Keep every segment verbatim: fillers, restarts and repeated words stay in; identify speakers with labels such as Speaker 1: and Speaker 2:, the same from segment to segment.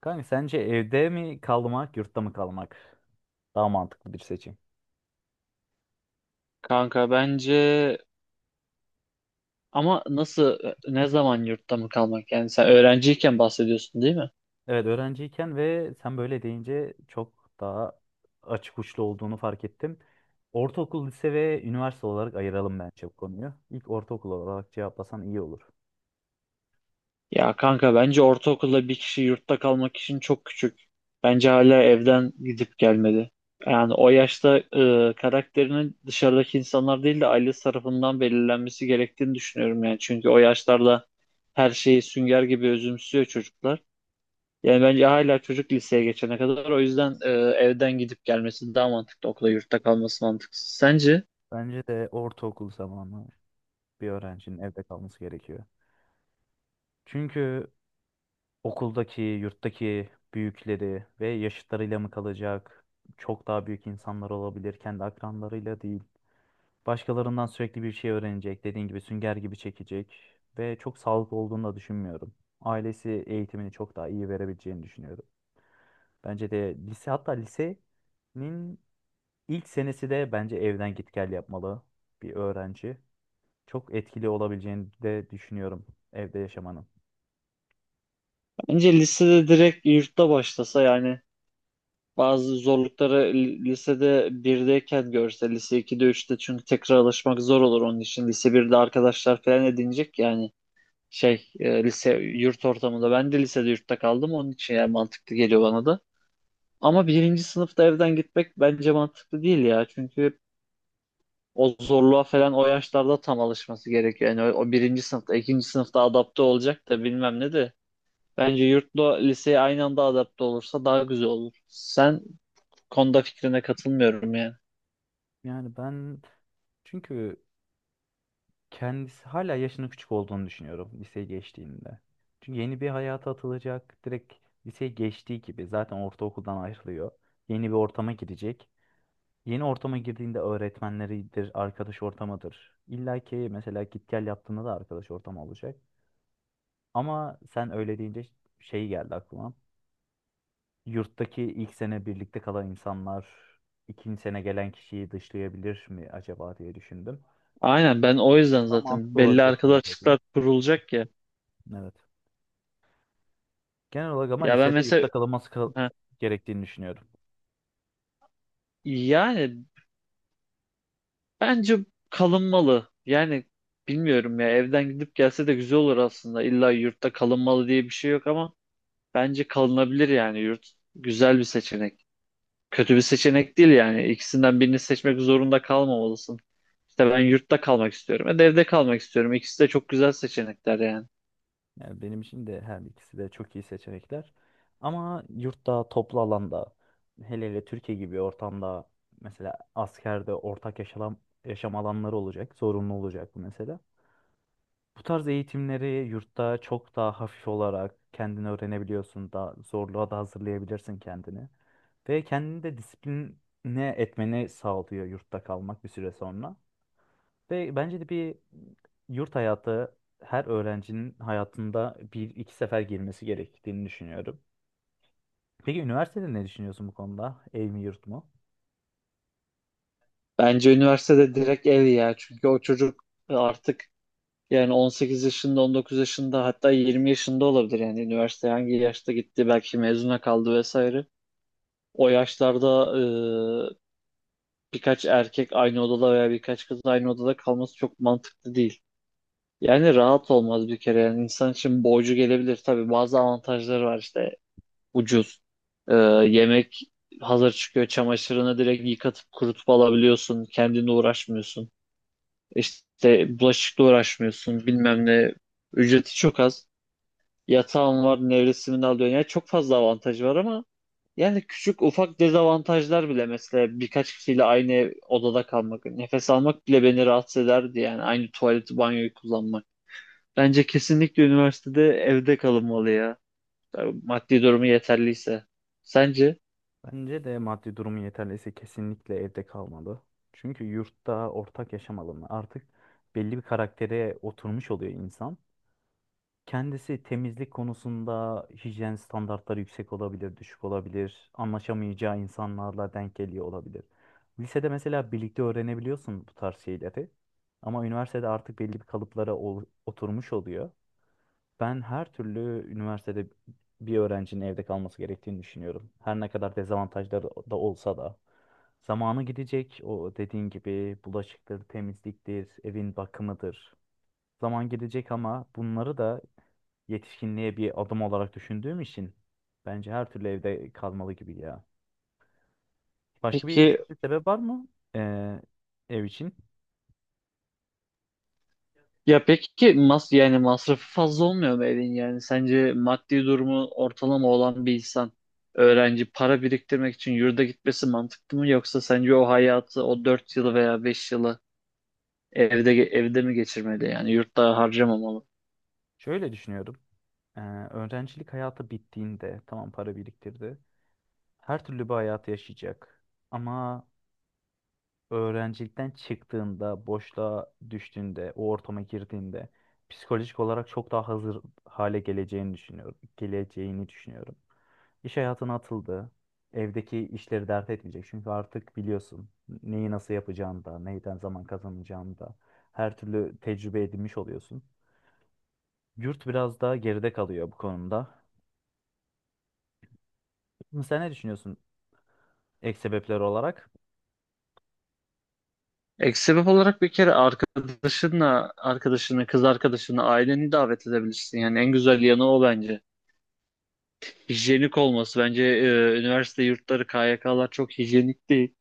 Speaker 1: Kanka sence evde mi kalmak, yurtta mı kalmak daha mantıklı bir seçim?
Speaker 2: Kanka bence ama nasıl ne zaman yurtta mı kalmak? Yani sen öğrenciyken bahsediyorsun değil mi?
Speaker 1: Evet öğrenciyken ve sen böyle deyince çok daha açık uçlu olduğunu fark ettim. Ortaokul, lise ve üniversite olarak ayıralım bence bu konuyu. İlk ortaokul olarak cevaplasan iyi olur.
Speaker 2: Ya kanka bence ortaokulda bir kişi yurtta kalmak için çok küçük. Bence hala evden gidip gelmedi. Yani o yaşta e, karakterinin dışarıdaki insanlar değil de ailesi tarafından belirlenmesi gerektiğini düşünüyorum yani. Çünkü o yaşlarda her şeyi sünger gibi özümsüyor çocuklar. Yani bence hala çocuk liseye geçene kadar o yüzden e, evden gidip gelmesi daha mantıklı, okula yurtta kalması mantıksız. Sence?
Speaker 1: Bence de ortaokul zamanı bir öğrencinin evde kalması gerekiyor. Çünkü okuldaki, yurttaki büyükleri ve yaşıtlarıyla mı kalacak? Çok daha büyük insanlar olabilir, kendi akranlarıyla değil. Başkalarından sürekli bir şey öğrenecek. Dediğin gibi sünger gibi çekecek. Ve çok sağlıklı olduğunu da düşünmüyorum. Ailesi eğitimini çok daha iyi verebileceğini düşünüyorum. Bence de lise hatta lisenin ilk senesi de bence evden git gel yapmalı bir öğrenci. Çok etkili olabileceğini de düşünüyorum evde yaşamanın.
Speaker 2: Bence lisede direkt yurtta başlasa, yani bazı zorlukları li- lisede birdeyken görse, lise ikide üçte çünkü tekrar alışmak zor olur onun için. Lise birde arkadaşlar falan edinecek yani şey e, lise yurt ortamında. Ben de lisede yurtta kaldım onun için, yani mantıklı geliyor bana da. Ama birinci sınıfta evden gitmek bence mantıklı değil ya. Çünkü o zorluğa falan o yaşlarda tam alışması gerekiyor. Yani o, o birinci sınıfta, ikinci sınıfta adapte olacak da bilmem ne de. Bence yurtla liseye aynı anda adapte olursa daha güzel olur. Sen bu konuda fikrine katılmıyorum yani.
Speaker 1: Yani ben çünkü kendisi hala yaşının küçük olduğunu düşünüyorum liseye geçtiğinde. Çünkü yeni bir hayata atılacak. Direkt liseye geçtiği gibi zaten ortaokuldan ayrılıyor. Yeni bir ortama girecek. Yeni ortama girdiğinde öğretmenleridir, arkadaş ortamıdır. İlla ki mesela git gel yaptığında da arkadaş ortamı olacak. Ama sen öyle deyince şey geldi aklıma. Yurttaki ilk sene birlikte kalan insanlar ikinci sene gelen kişiyi dışlayabilir mi acaba diye düşündüm.
Speaker 2: Aynen, ben o yüzden
Speaker 1: O da
Speaker 2: zaten
Speaker 1: mantıklı
Speaker 2: belli
Speaker 1: olabilir senin dediğin.
Speaker 2: arkadaşlıklar kurulacak ya.
Speaker 1: Evet. Genel olarak ama
Speaker 2: Ya ben
Speaker 1: lisede
Speaker 2: mesela
Speaker 1: yurtta kalınması kal-
Speaker 2: ha,
Speaker 1: gerektiğini düşünüyorum.
Speaker 2: yani bence kalınmalı. Yani bilmiyorum ya, evden gidip gelse de güzel olur aslında. İlla yurtta kalınmalı diye bir şey yok ama bence kalınabilir yani yurt. Güzel bir seçenek. Kötü bir seçenek değil yani. İkisinden birini seçmek zorunda kalmamalısın. İşte ben yurtta kalmak istiyorum. E de evde kalmak istiyorum. İkisi de çok güzel seçenekler yani.
Speaker 1: Yani benim için de her ikisi de çok iyi seçenekler. Ama yurtta, toplu alanda, hele hele Türkiye gibi ortamda mesela askerde ortak yaşam, yaşam alanları olacak, zorunlu olacak bu mesela. Bu tarz eğitimleri yurtta çok daha hafif olarak kendini öğrenebiliyorsun, daha zorluğa da hazırlayabilirsin kendini. Ve kendini de disipline etmeni sağlıyor yurtta kalmak bir süre sonra. Ve bence de bir yurt hayatı her öğrencinin hayatında bir iki sefer girmesi gerektiğini düşünüyorum. Peki üniversitede ne düşünüyorsun bu konuda? Ev mi yurt mu?
Speaker 2: Bence üniversitede direkt ev ya. Çünkü o çocuk artık yani on sekiz yaşında, on dokuz yaşında, hatta yirmi yaşında olabilir. Yani üniversiteye hangi yaşta gitti, belki mezuna kaldı vesaire. O yaşlarda e, birkaç erkek aynı odada veya birkaç kız aynı odada kalması çok mantıklı değil. Yani rahat olmaz bir kere yani, insan için borcu gelebilir. Tabii bazı avantajları var, işte ucuz. Ee, yemek hazır çıkıyor, çamaşırını direkt yıkatıp kurutup alabiliyorsun, kendinle uğraşmıyorsun, işte bulaşıkla uğraşmıyorsun bilmem ne, ücreti çok az, yatağın var nevresimini alıyorsun, yani çok fazla avantajı var. Ama yani küçük ufak dezavantajlar bile, mesela birkaç kişiyle aynı odada kalmak, nefes almak bile beni rahatsız ederdi yani, aynı tuvaleti banyoyu kullanmak. Bence kesinlikle üniversitede evde kalınmalı ya. Maddi durumu yeterliyse. Sence?
Speaker 1: Bence de maddi durumu yeterliyse kesinlikle evde kalmalı. Çünkü yurtta ortak yaşam alanı artık belli bir karaktere oturmuş oluyor insan. Kendisi temizlik konusunda hijyen standartları yüksek olabilir, düşük olabilir. Anlaşamayacağı insanlarla denk geliyor olabilir. Lisede mesela birlikte öğrenebiliyorsun bu tarz şeyleri. Ama üniversitede artık belli bir kalıplara ol- oturmuş oluyor. Ben her türlü üniversitede bir öğrencinin evde kalması gerektiğini düşünüyorum. Her ne kadar dezavantajları da olsa da. Zamanı gidecek o dediğin gibi bulaşıktır, temizliktir, evin bakımıdır zaman gelecek ama bunları da yetişkinliğe bir adım olarak düşündüğüm için bence her türlü evde kalmalı gibi ya. Başka bir
Speaker 2: Peki
Speaker 1: düşünce sebep var mı ee, ev için?
Speaker 2: ya peki mas yani masrafı fazla olmuyor mu evin yani? Sence maddi durumu ortalama olan bir insan, öğrenci, para biriktirmek için yurda gitmesi mantıklı mı, yoksa sence o hayatı, o dört yılı veya beş yılı evde evde mi geçirmeli yani, yurtta harcamamalı?
Speaker 1: Şöyle düşünüyorum. Ee, öğrencilik hayatı bittiğinde tamam para biriktirdi. Her türlü bir hayatı yaşayacak. Ama öğrencilikten çıktığında, boşluğa düştüğünde, o ortama girdiğinde psikolojik olarak çok daha hazır hale geleceğini düşünüyorum. Geleceğini düşünüyorum. İş hayatına atıldı. Evdeki işleri dert etmeyecek. Çünkü artık biliyorsun neyi nasıl yapacağını da, neyden zaman kazanacağını da her türlü tecrübe edinmiş oluyorsun. Yurt biraz daha geride kalıyor bu konuda. Sen ne düşünüyorsun? Ek sebepler olarak.
Speaker 2: Ek sebep olarak, bir kere arkadaşınla, arkadaşını, kız arkadaşını, aileni davet edebilirsin. Yani en güzel yanı o bence. Hijyenik olması. Bence e, üniversite yurtları, K Y K'lar çok hijyenik değil.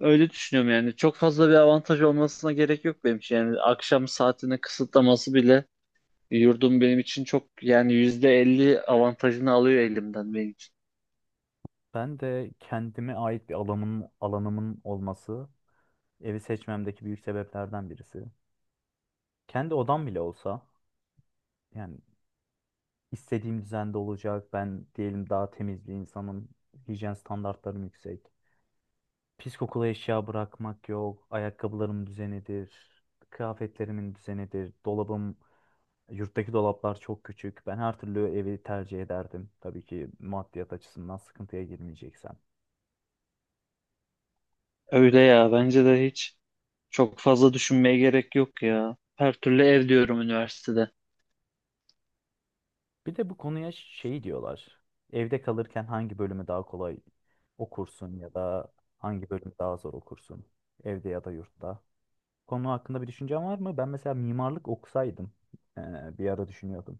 Speaker 2: Öyle düşünüyorum yani. Çok fazla bir avantaj olmasına gerek yok benim için. Yani akşam saatini kısıtlaması bile, yurdum benim için çok, yani yüzde elli avantajını alıyor elimden benim için.
Speaker 1: Ben de kendime ait bir alanım, alanımın olması evi seçmemdeki büyük sebeplerden birisi. Kendi odam bile olsa yani istediğim düzende olacak. Ben diyelim daha temiz bir insanım. Hijyen standartlarım yüksek. Pis kokulu eşya bırakmak yok. Ayakkabılarım düzenidir. Kıyafetlerimin düzenidir. Dolabım, yurttaki dolaplar çok küçük. Ben her türlü evi tercih ederdim. Tabii ki maddiyat açısından sıkıntıya girmeyeceksem.
Speaker 2: Öyle ya, bence de hiç çok fazla düşünmeye gerek yok ya. Her türlü ev diyorum üniversitede.
Speaker 1: Bir de bu konuya şey diyorlar. Evde kalırken hangi bölümü daha kolay okursun ya da hangi bölümü daha zor okursun? Evde ya da yurtta. Konu hakkında bir düşüncen var mı? Ben mesela mimarlık okusaydım, e, bir ara düşünüyordum.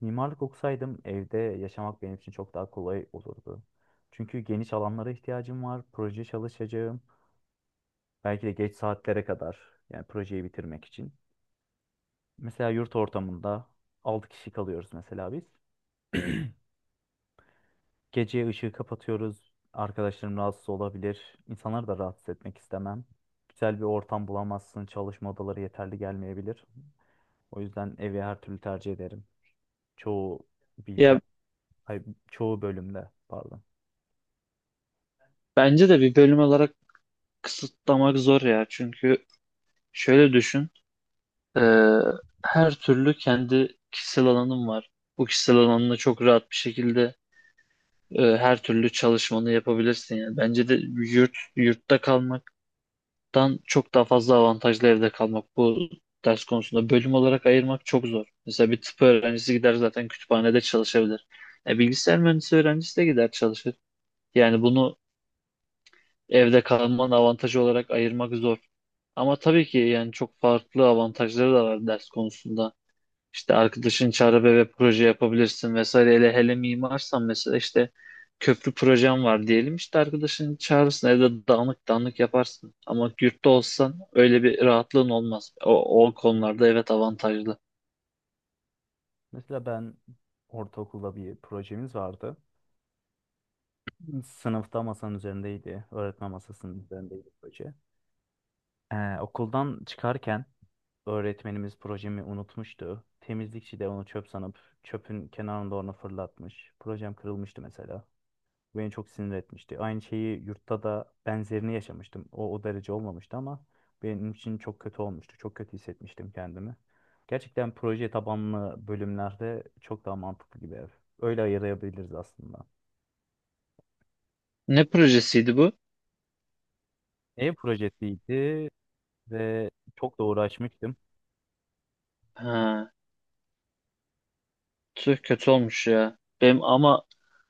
Speaker 1: Mimarlık okusaydım evde yaşamak benim için çok daha kolay olurdu. Çünkü geniş alanlara ihtiyacım var, proje çalışacağım. Belki de geç saatlere kadar yani projeyi bitirmek için. Mesela yurt ortamında altı kişi kalıyoruz mesela biz. Gece ışığı kapatıyoruz. Arkadaşlarım rahatsız olabilir. İnsanları da rahatsız etmek istemem. Güzel bir ortam bulamazsın. Çalışma odaları yeterli gelmeyebilir. O yüzden evi her türlü tercih ederim. Çoğu
Speaker 2: Ya
Speaker 1: bilgisayar, ay, Çoğu bölümde pardon.
Speaker 2: bence de bir bölüm olarak kısıtlamak zor ya. Çünkü şöyle düşün. Ee, Her türlü kendi kişisel alanım var. Bu kişisel alanında çok rahat bir şekilde e, her türlü çalışmanı yapabilirsin. Yani bence de yurt yurtta kalmaktan çok daha fazla avantajlı evde kalmak. Bu ders konusunda bölüm olarak ayırmak çok zor. Mesela bir tıp öğrencisi gider zaten kütüphanede çalışabilir. E, bilgisayar mühendisi öğrencisi de gider çalışır. Yani bunu evde kalmanın avantajı olarak ayırmak zor. Ama tabii ki yani çok farklı avantajları da var ders konusunda. İşte arkadaşın çağrı ve proje yapabilirsin vesaire. Hele hele mimarsan mesela, işte köprü projem var diyelim. İşte arkadaşın çağırırsın, evde dağınık dağınık yaparsın. Ama yurtta olsan öyle bir rahatlığın olmaz. O, o konularda evet avantajlı.
Speaker 1: Mesela ben ortaokulda bir projemiz vardı. Sınıfta masanın üzerindeydi. Öğretmen masasının üzerindeydi proje. Ee, okuldan çıkarken öğretmenimiz projemi unutmuştu. Temizlikçi de onu çöp sanıp çöpün kenarında onu fırlatmış. Projem kırılmıştı mesela. Beni çok sinir etmişti. Aynı şeyi yurtta da benzerini yaşamıştım. O, o derece olmamıştı ama benim için çok kötü olmuştu. Çok kötü hissetmiştim kendimi. Gerçekten proje tabanlı bölümlerde çok daha mantıklı gibi ev. Öyle ayırabiliriz aslında.
Speaker 2: Ne projesiydi bu?
Speaker 1: Ev projesiydi ve çok da uğraşmıştım.
Speaker 2: Ha, tüh kötü olmuş ya. Benim ama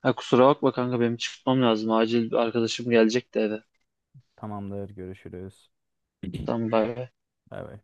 Speaker 2: ha, kusura bakma kanka, benim çıkmam lazım. Acil bir arkadaşım gelecek de eve.
Speaker 1: Tamamdır, görüşürüz.
Speaker 2: Tamam, bay bay.
Speaker 1: Bay bay.